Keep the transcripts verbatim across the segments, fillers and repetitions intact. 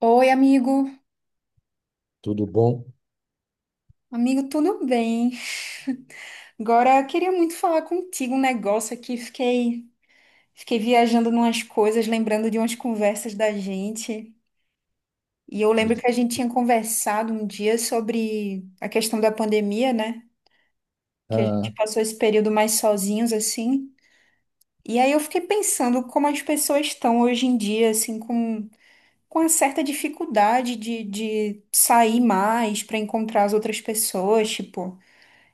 Oi, amigo. Tudo bom? Amigo, tudo bem? Agora, eu queria muito falar contigo um negócio aqui. Fiquei, fiquei viajando numas coisas, lembrando de umas conversas da gente. E eu lembro que a gente tinha conversado um dia sobre a questão da pandemia, né? Que a gente Ah, passou esse período mais sozinhos, assim. E aí eu fiquei pensando como as pessoas estão hoje em dia, assim, com, com uma certa dificuldade de, de sair mais para encontrar as outras pessoas, tipo.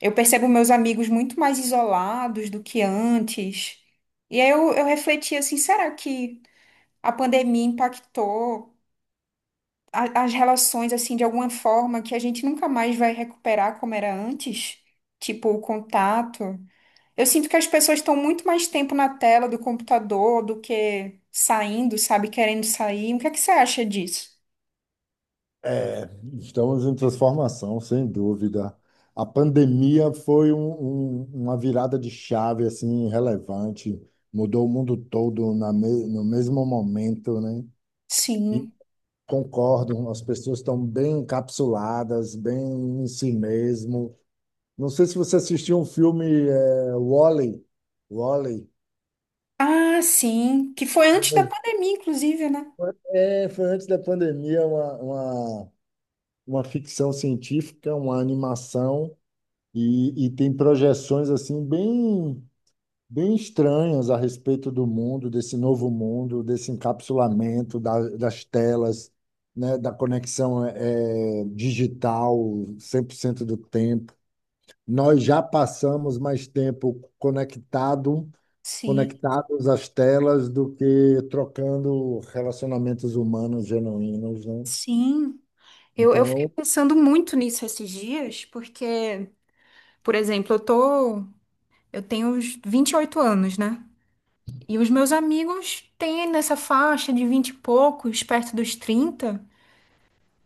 Eu percebo meus amigos muito mais isolados do que antes. E aí eu, eu refleti assim, será que a pandemia impactou a- as relações assim de alguma forma que a gente nunca mais vai recuperar como era antes? Tipo, o contato. Eu sinto que as pessoas estão muito mais tempo na tela do computador do que saindo, sabe, querendo sair. O que é que você acha disso? é, estamos em transformação, sem dúvida. A pandemia foi um- um- uma virada de chave assim relevante, mudou o mundo todo na me- no mesmo momento, né? E Sim. concordo, as pessoas estão bem encapsuladas, bem em si mesmo. Não sei se você assistiu um filme, é, Wall-E. Wall-E. Ah, sim. Que foi antes da pandemia, inclusive, né? É, foi antes da pandemia, uma, uma, uma ficção científica, uma animação. E, e tem projeções assim bem bem estranhas a respeito do mundo, desse novo mundo, desse encapsulamento da- das telas, né, da conexão eh, digital cem por cento do tempo. Nós já passamos mais tempo conectado, Sim. conectados às telas do que trocando relacionamentos humanos genuínos, né? Sim. Eu, eu fiquei Então, pensando muito nisso esses dias, porque, por exemplo, eu tô, eu tenho uns vinte e oito anos, né? E os meus amigos têm nessa faixa de vinte e poucos, perto dos trinta.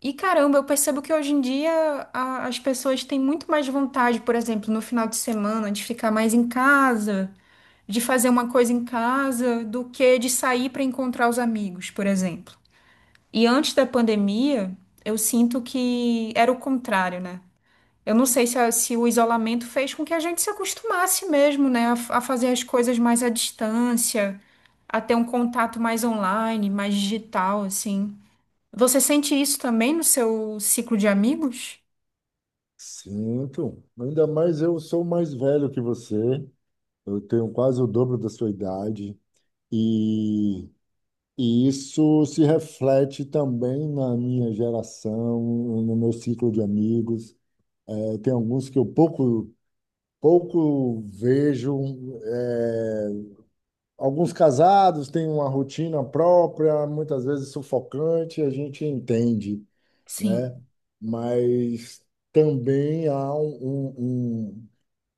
E caramba, eu percebo que hoje em dia a- as pessoas têm muito mais vontade, por exemplo, no final de semana, de ficar mais em casa, de fazer uma coisa em casa, do que de sair para encontrar os amigos, por exemplo. E antes da pandemia, eu sinto que era o contrário, né? Eu não sei se, a- se o isolamento fez com que a gente se acostumasse mesmo, né, a, f- a fazer as coisas mais à distância, a ter um contato mais online, mais digital, assim. Você sente isso também no seu ciclo de amigos? sinto. Ainda mais eu sou mais velho que você. Eu tenho quase o dobro da sua idade e, e isso se reflete também na minha geração, no meu ciclo de amigos. Eh, Tem alguns que eu pouco, pouco vejo, eh, alguns casados têm uma rotina própria, muitas vezes sufocante, a gente entende, né? Sim. Mas também há um, um, um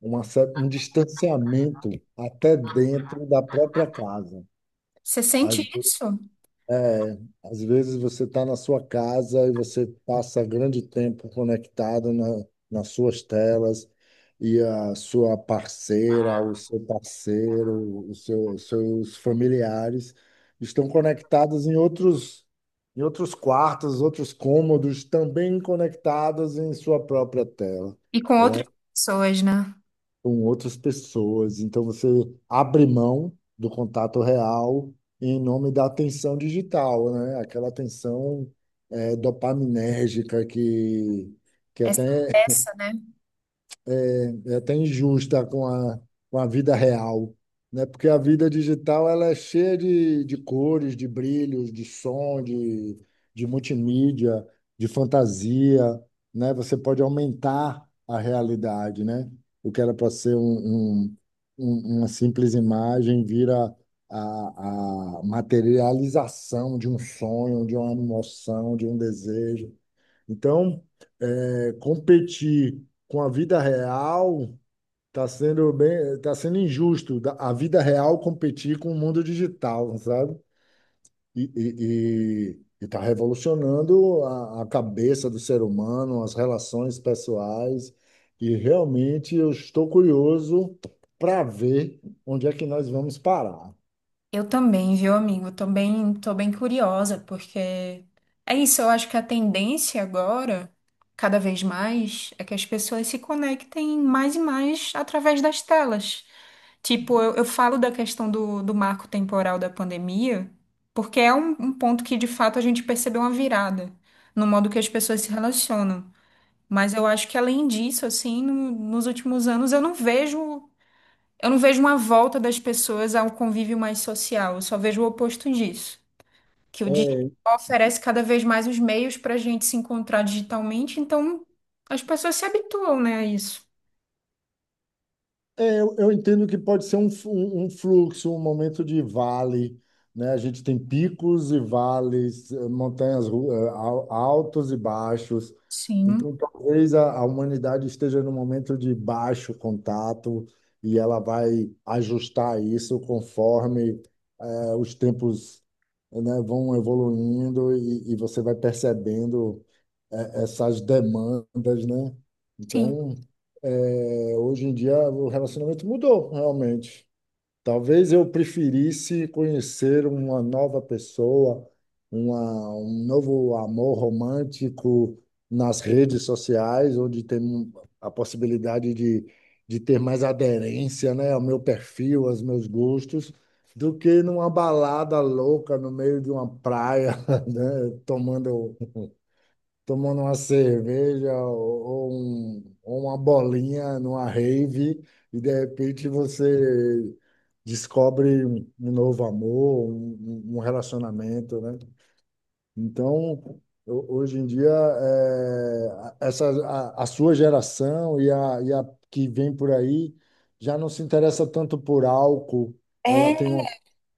uma cer- um distanciamento até dentro da própria casa. Você Às sente isso? às vezes você está na sua casa e você passa grande tempo conectado na, nas suas telas e a sua parceira, o seu parceiro, os seus, seus familiares estão conectados em outros, em outros quartos, outros cômodos, também conectados em sua própria tela, E com né? outras pessoas, né? Com outras pessoas. Então, você abre mão do contato real em nome da atenção digital, né? Aquela atenção eh, dopaminérgica que, que Essa até peça, né? é até injusta com a, com a vida real, né? Porque a vida digital ela é cheia de, de cores, de brilhos, de som, de, de multimídia, de fantasia, né? Você pode aumentar a realidade, né? O que era para ser um, um- um- uma simples imagem vira a, a materialização de um sonho, de uma emoção, de um desejo. Então, é, competir com a vida real. Tá sendo bem, tá sendo injusto da- a vida real competir com o mundo digital, sabe? E, e, e- e tá revolucionando a, a cabeça do ser humano, as relações pessoais. E realmente eu estou curioso para ver onde é que nós vamos parar. Eu também, viu, amigo? Tô bem, tô bem curiosa, porque é isso, eu acho que a tendência agora, cada vez mais, é que as pessoas se conectem mais e mais através das telas. Tipo, eu, eu falo da questão do, do marco temporal da pandemia, porque é um, um ponto que, de fato, a gente percebeu uma virada no modo que as pessoas se relacionam. Mas eu acho que, além disso, assim, no- nos últimos anos, eu não vejo. Eu não vejo uma volta das pessoas ao convívio mais social, eu só vejo o oposto disso, que o digital É, oferece cada vez mais os meios para a gente se encontrar digitalmente, então as pessoas se habituam, né, a isso. é, eu, eu entendo que pode ser um, fu- um fluxo, um momento de vale, né? A gente tem picos e vales, eh, montanhas ru- eh, al- altos e baixos. Sim, Então, talvez a, a humanidade esteja num momento de baixo contato e ela vai ajustar isso conforme eh, os tempos, né, vão evoluindo e, e você vai percebendo é, essas demandas, né? sim. Então, é, hoje em dia o relacionamento mudou, realmente. Talvez eu preferisse conhecer uma nova pessoa, uma, um novo amor romântico nas redes sociais, onde tem a possibilidade de, de ter mais aderência, né, ao meu perfil, aos meus gostos, do que numa balada louca no meio de uma praia, né, tomando tomando uma cerveja ou, ou um- ou uma bolinha numa rave, e de repente você descobre um um novo amor, um, um um relacionamento, né? Então, ho- hoje em dia, é, a- essa, a, a sua geração e a, e a que vem por aí já não se interessa tanto por álcool, ela tem É, uma,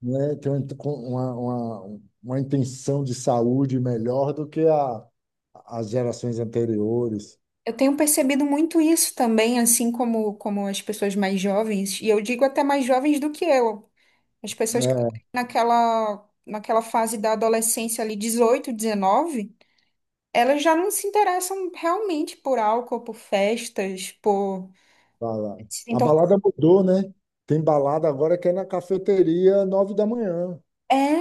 né, tem uma, uma, uma uma intenção de saúde melhor do que a, as gerações anteriores. eu tenho percebido muito isso também, assim como, como as pessoas mais jovens, e eu digo até mais jovens do que eu, as pessoas que estão É, naquela, naquela fase da adolescência ali, dezoito, dezenove. Elas já não se interessam realmente por álcool, por festas, por. bala- Se a entor- balada mudou, né? Tem balada agora que é na cafeteria, nove da manhã.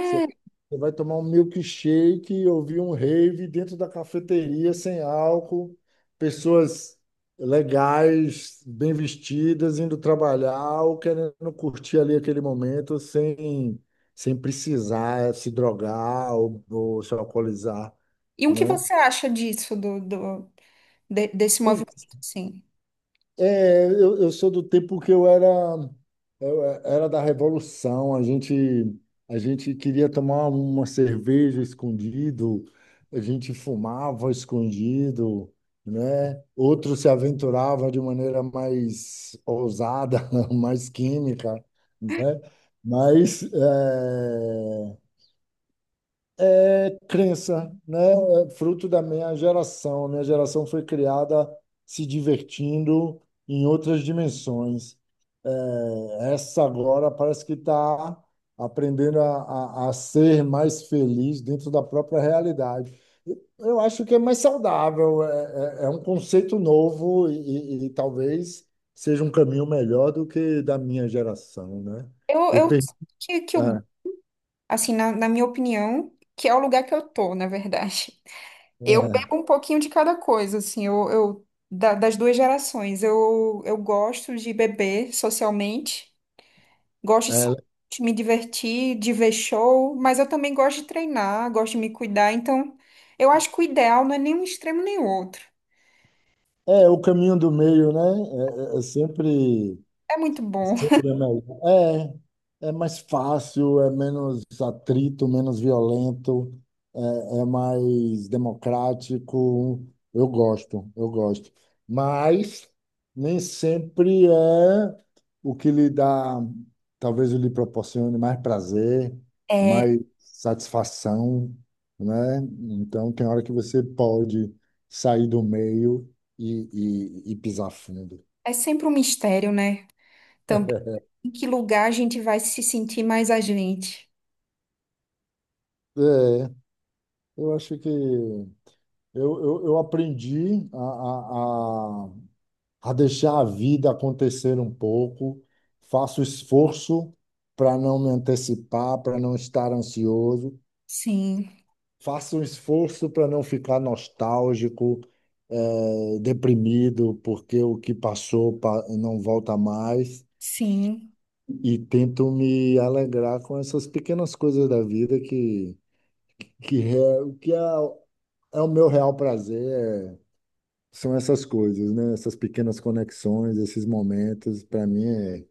Você Você vai tomar um milkshake e ouvir um rave dentro da cafeteria, sem álcool, pessoas legais, bem vestidas, indo trabalhar ou querendo curtir ali aquele momento sem, sem precisar se drogar ou, ou se alcoolizar, E o que né? você acha disso, do, do, de- desse movimento, assim? É, eu, eu sou do tempo que eu era, eu é, era da Revolução. A gente, a gente queria tomar uma cerveja escondido, a gente fumava escondido, né? Outros se aventuravam de maneira mais ousada, mais química, né? Mas é, é crença, né? É fruto da minha geração. A minha geração foi criada se divertindo em outras dimensões. É, essa agora parece que está aprendendo a, a, a ser mais feliz dentro da própria realidade. Eu acho que é mais saudável, é, é, é um conceito novo e, e- e talvez seja um caminho melhor do que da minha geração, né? Eu, Eu eu perdi. que, que eu, É, assim, na, na minha opinião, que é o lugar que eu tô, na verdade. Eu bebo é, um pouquinho de cada coisa, assim, eu, eu da- das duas gerações. Eu, eu gosto de beber socialmente. Gosto de sair, é, de me divertir, de ver show, mas eu também gosto de treinar, gosto de me cuidar. Então, eu acho que o ideal não é nem um extremo nem o outro. é, o caminho do meio, né? É, é- é sempre. É muito bom. Sempre é melhor. É, é mais fácil, é menos atrito, menos violento, é, é mais democrático. Eu gosto, eu gosto. Mas nem sempre é o que lhe dá, talvez lhe proporcione mais prazer, É, mais satisfação, né? Então tem hora que você pode sair do meio e, e, e pisar fundo. é sempre um mistério, né? Também em que lugar a gente vai se sentir mais a gente. É, eu acho que Eu, eu, eu aprendi a, a, a, a deixar a vida acontecer um pouco, faço esforço para não me antecipar, para não estar ansioso, Sim, faço um esforço para não ficar nostálgico, eh, deprimido, porque o que passou pa- não volta mais, sim, e tento me alegrar com essas pequenas coisas da vida que, que, é, que é, é o meu real prazer, é São essas coisas, né? Essas pequenas conexões, esses momentos, para mim é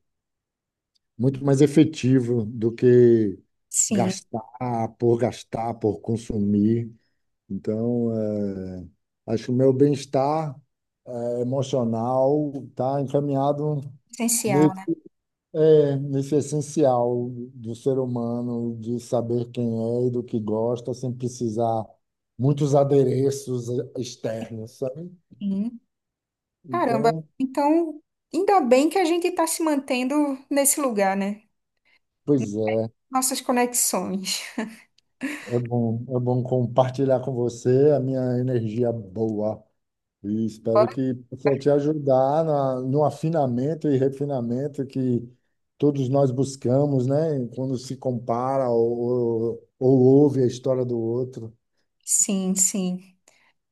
muito mais efetivo do que sim. gastar por gastar, por consumir. Então, é, acho que o meu bem-estar emocional está encaminhado Essencial, nesse, né? é, nesse essencial do ser humano, de saber quem é e do que gosta, sem precisar muitos adereços externos, sabe? Sim. Caramba. Então, Então, ainda bem que a gente está se mantendo nesse lugar, né? pois é. Nossas conexões. É bom, é bom compartilhar com você a minha energia boa. E espero que possa te ajudar na, no afinamento e refinamento que todos nós buscamos, né? Quando se compara ou, ou ouve a história do outro. Sim, sim.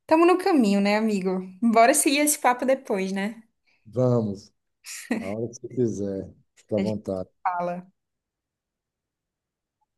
Tamo no caminho, né, amigo? Bora seguir esse papo depois, né? Vamos, a hora que você quiser, fica à A gente vontade. fala.